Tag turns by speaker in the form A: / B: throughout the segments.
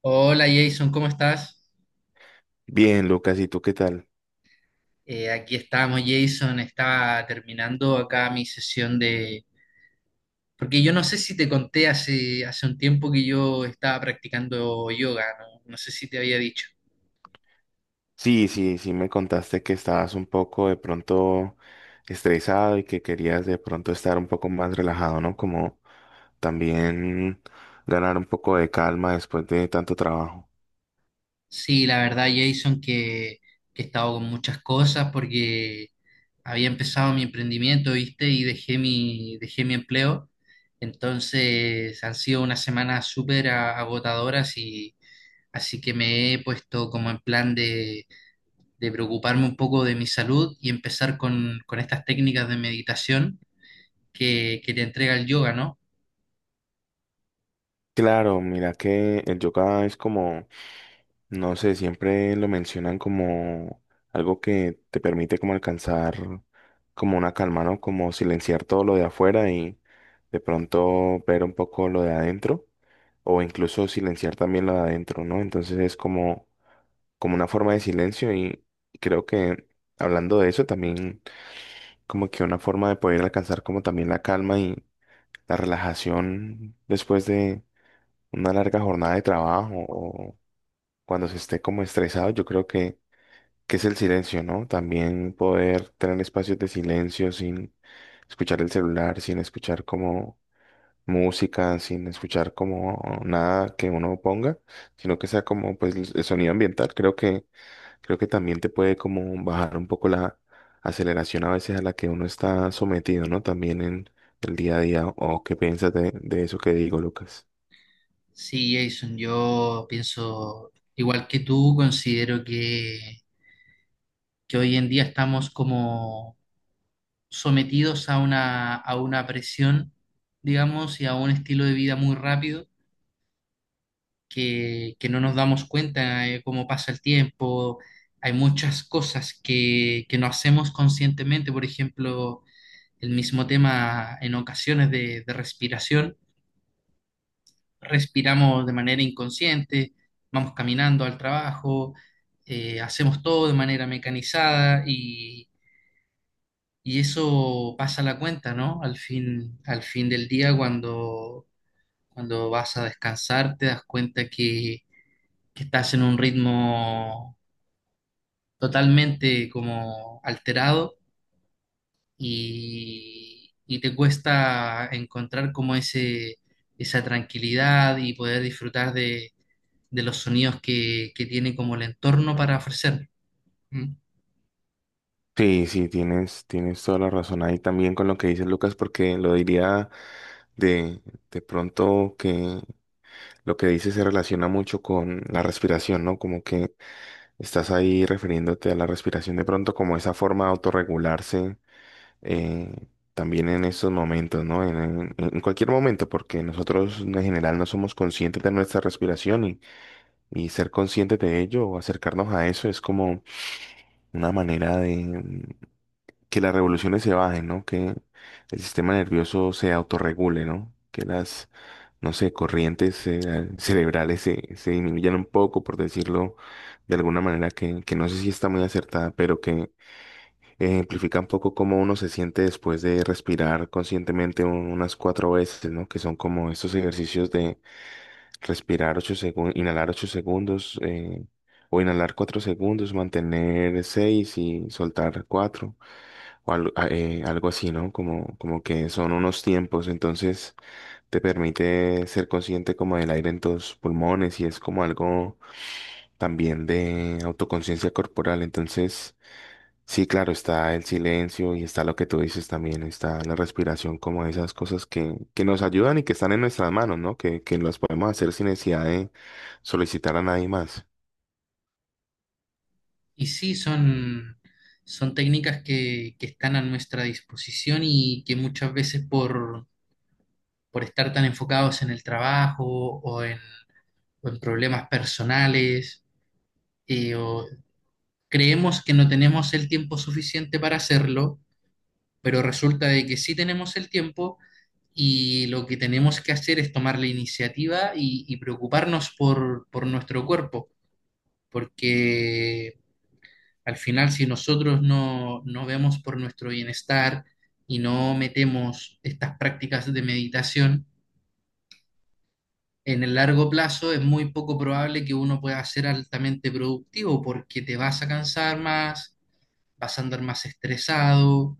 A: Hola Jason, ¿cómo estás?
B: Bien, Lucas, ¿y tú qué tal?
A: Aquí estamos, Jason. Estaba terminando acá mi sesión de... Porque yo no sé si te conté hace un tiempo que yo estaba practicando yoga, ¿no? No sé si te había dicho.
B: Sí, me contaste que estabas un poco de pronto estresado y que querías de pronto estar un poco más relajado, ¿no? Como también ganar un poco de calma después de tanto trabajo.
A: Sí, la verdad, Jason, que he estado con muchas cosas porque había empezado mi emprendimiento, ¿viste? Y dejé mi empleo. Entonces han sido unas semanas súper agotadoras y... Así que me he puesto como en de preocuparme un poco de mi salud y empezar con estas técnicas de meditación que te entrega el yoga, ¿no?
B: Claro, mira que el yoga es como... No sé, siempre lo mencionan como algo que te permite como alcanzar como una calma, ¿no? Como silenciar todo lo de afuera y de pronto ver un poco lo de adentro o incluso silenciar también lo de adentro, ¿no? Entonces es como, como una forma de silencio y creo que hablando de eso también como que una forma de poder alcanzar como también la calma y la relajación después de una larga jornada de trabajo o cuando se esté como estresado, yo creo que es el silencio, ¿no? También poder tener espacios de silencio sin escuchar el celular, sin escuchar como música, sin escuchar como nada que uno ponga, sino que sea como pues el sonido ambiental. Creo que también te puede como bajar un poco la aceleración a veces a la que uno está sometido, ¿no? También en el día a día. ¿O qué piensas de eso que digo, Lucas?
A: Sí, Jason, yo pienso, igual que tú, que hoy en día estamos como sometidos a a una presión, digamos, y a un estilo de vida muy rápido que no nos damos cuenta cómo pasa el tiempo. Hay muchas cosas que no hacemos conscientemente, por ejemplo, el mismo tema en ocasiones de respiración. Respiramos de manera inconsciente, vamos caminando al trabajo, hacemos todo de manera mecanizada y eso pasa la cuenta, ¿no? Al fin del día, cuando vas a descansar, te das cuenta que estás en un ritmo totalmente como alterado y te cuesta encontrar como esa tranquilidad y poder disfrutar de los sonidos que tiene como el entorno para ofrecer. ¿Mm?
B: Sí, sí, tienes toda la razón ahí también con lo que dices, Lucas, porque lo diría... De, de pronto que lo que dices se relaciona mucho con la respiración, ¿no? Como que estás ahí refiriéndote a la respiración de pronto como esa forma de autorregularse, eh, también en esos momentos, ¿no? En cualquier momento, porque nosotros en general no somos conscientes de nuestra respiración y ser conscientes de ello o acercarnos a eso es como una manera de que las revoluciones se bajen, ¿no? Que el sistema nervioso se autorregule, ¿no? Que las... no sé, corrientes cerebrales se, se disminuyan un poco, por decirlo de alguna manera que no sé si está muy acertada, pero que ejemplifica un poco cómo uno se siente después de respirar conscientemente unas cuatro veces, ¿no? Que son como estos ejercicios de respirar 8 segundos, inhalar 8 segundos, o inhalar 4 segundos, mantener seis y soltar cuatro, o algo, algo así, ¿no? Como, como que son unos tiempos, entonces te permite ser consciente como del aire en tus pulmones y es como algo también de autoconciencia corporal. Entonces, sí, claro, está el silencio y está lo que tú dices también, está la respiración, como esas cosas que nos ayudan y que están en nuestras manos, ¿no? Que las podemos hacer sin necesidad de solicitar a nadie más.
A: Y sí, son técnicas que están a nuestra disposición y que muchas veces por estar tan enfocados en el trabajo o en problemas personales o creemos que no tenemos el tiempo suficiente para hacerlo, pero resulta de que sí tenemos el tiempo y lo que tenemos que hacer es tomar la iniciativa y preocuparnos por nuestro cuerpo, porque al final si nosotros no, no vemos por nuestro bienestar y no metemos estas prácticas de meditación, en el largo plazo es muy poco probable que uno pueda ser altamente productivo porque te vas a cansar más, vas a andar más estresado,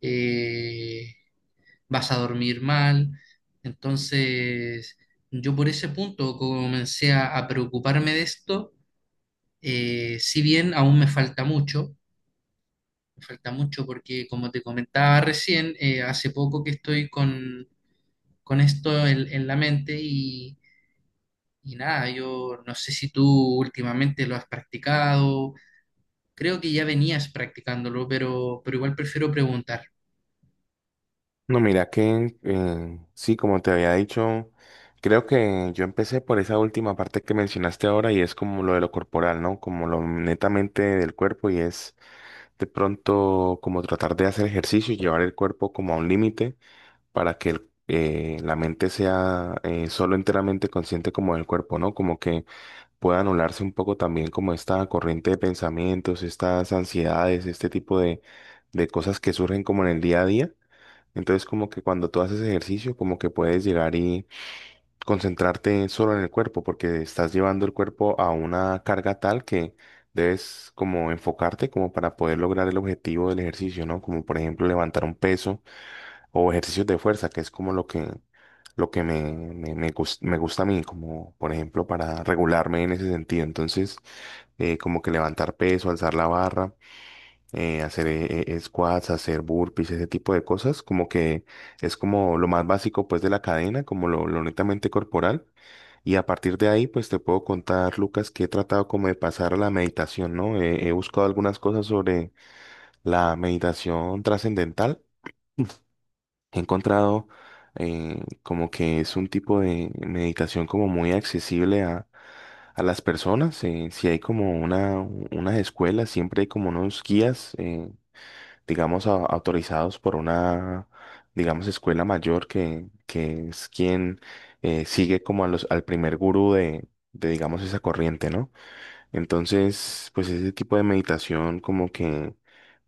A: eh, vas a dormir mal. Entonces, yo por ese punto a preocuparme de esto, si bien aún me falta mucho porque como te comentaba recién, hace poco que estoy con esto en la mente y nada, yo no sé si tú últimamente lo has practicado, creo que ya venías practicándolo, pero igual prefiero preguntar.
B: No, mira que sí, como te había dicho, creo que yo empecé por esa última parte que mencionaste ahora y es como lo de lo corporal, ¿no? Como lo netamente del cuerpo y es de pronto como tratar de hacer ejercicio y llevar el cuerpo como a un límite para que la mente sea solo enteramente consciente como del cuerpo, ¿no? Como que pueda anularse un poco también como esta corriente de pensamientos, estas ansiedades, este tipo de cosas que surgen como en el día a día. Entonces como que cuando tú haces ejercicio como que puedes llegar y concentrarte solo en el cuerpo, porque estás llevando el cuerpo a una carga tal que debes como enfocarte como para poder lograr el objetivo del ejercicio, ¿no? Como por ejemplo levantar un peso o ejercicios de fuerza, que es como lo que me gusta a mí, como por ejemplo para regularme en ese sentido. Entonces, como que levantar peso, alzar la barra, hacer squats, hacer burpees, ese tipo de cosas, como que es como lo más básico pues de la cadena, como lo netamente corporal. Y a partir de ahí pues te puedo contar, Lucas, que he tratado como de pasar a la meditación, ¿no? He buscado algunas cosas sobre la meditación trascendental. He encontrado como que es un tipo de meditación como muy accesible a las personas, si hay como una, unas escuelas, siempre hay como unos guías. Digamos, autorizados por una, digamos, escuela mayor que es quien sigue como a los, al primer gurú de, digamos, esa corriente, ¿no? Entonces, pues ese tipo de meditación como que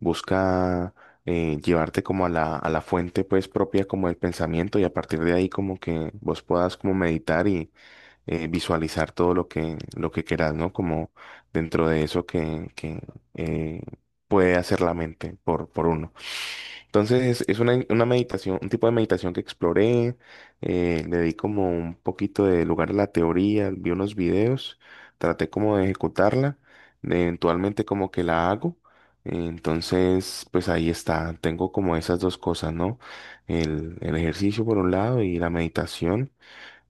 B: busca llevarte como a la fuente pues propia como del pensamiento y a partir de ahí como que vos puedas como meditar y visualizar todo lo que quieras, ¿no? Como dentro de eso que eh, puede hacer la mente por uno. Entonces es una meditación, un tipo de meditación que exploré, le di como un poquito de lugar a la teoría, vi unos videos, traté como de ejecutarla, eventualmente como que la hago. Entonces, pues ahí está, tengo como esas dos cosas, ¿no? El ejercicio por un lado y la meditación.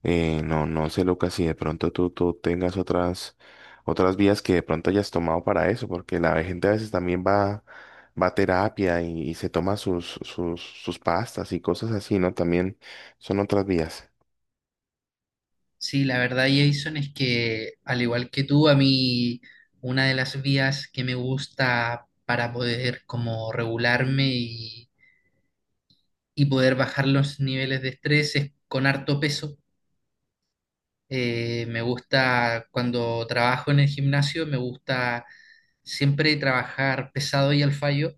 B: No, no sé, Lucas, si de pronto tú tengas otras, otras vías que de pronto hayas tomado para eso, porque la gente a veces también va, va a terapia y se toma sus, sus, sus pastas y cosas así, ¿no? También son otras vías.
A: Sí, la verdad, Jason, es que al igual que tú, a mí una de las vías que me gusta para poder como regularme y poder bajar los niveles de estrés es con harto peso. Me gusta cuando trabajo en el gimnasio, me gusta siempre trabajar pesado y al fallo.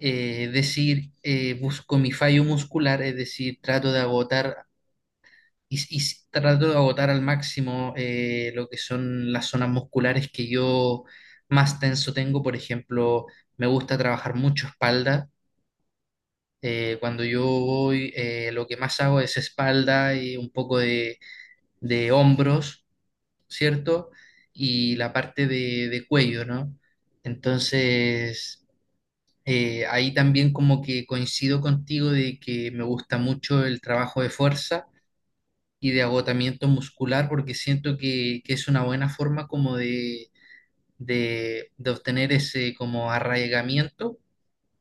A: Es decir, busco mi fallo muscular, es decir, trato de agotar y trato de agotar al máximo lo que son las zonas musculares que yo más tenso tengo. Por ejemplo, me gusta trabajar mucho espalda. Cuando yo voy, lo que más hago es espalda y un poco de hombros, ¿cierto? Y la parte de cuello, ¿no? Entonces, ahí también como que coincido contigo de que me gusta mucho el trabajo de fuerza y de agotamiento muscular, porque siento que es una buena forma como de obtener ese como arraigamiento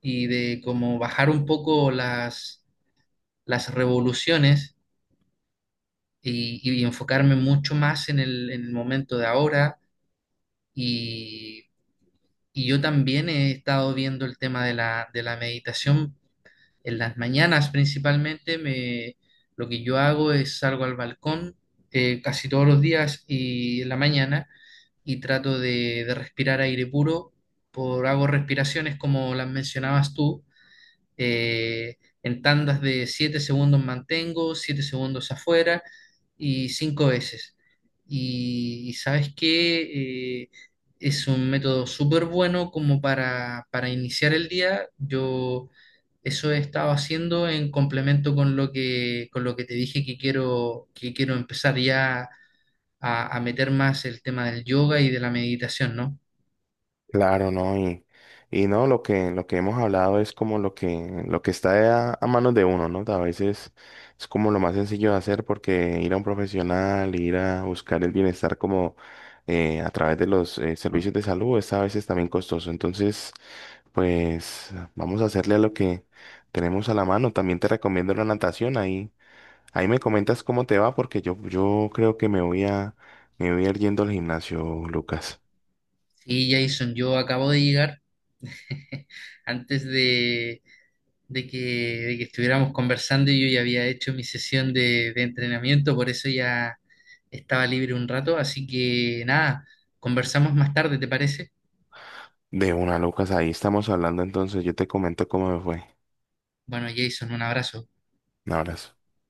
A: y de como bajar un poco las revoluciones y enfocarme mucho más en en el momento de ahora. Y, y yo también he estado viendo el tema de de la meditación en las mañanas principalmente. Lo que yo hago es salgo al balcón casi todos los días y en la mañana y trato de respirar aire puro. Por, hago respiraciones como las mencionabas tú, eh, en tandas de 7 segundos mantengo, 7 segundos afuera y 5 veces. Y sabes que es un método súper bueno como para iniciar el día. Yo eso he estado haciendo en complemento con con lo que te dije que quiero empezar ya a meter más el tema del yoga y de la meditación, ¿no?
B: Claro, ¿no? Y no, lo que hemos hablado es como lo que está a manos de uno, ¿no? A veces es como lo más sencillo de hacer porque ir a un profesional, ir a buscar el bienestar como a través de los servicios de salud es a veces también costoso. Entonces, pues vamos a hacerle a lo que tenemos a la mano. También te recomiendo la natación. Ahí, ahí me comentas cómo te va porque yo creo que me voy a ir yendo al gimnasio, Lucas.
A: Sí, Jason, yo acabo de llegar. Antes de que de que estuviéramos conversando, yo ya había hecho mi sesión de entrenamiento, por eso ya estaba libre un rato. Así que nada, conversamos más tarde, ¿te parece?
B: De una, Lucas, ahí estamos hablando entonces. Yo te comento cómo me fue.
A: Bueno, Jason, un abrazo.
B: Un abrazo.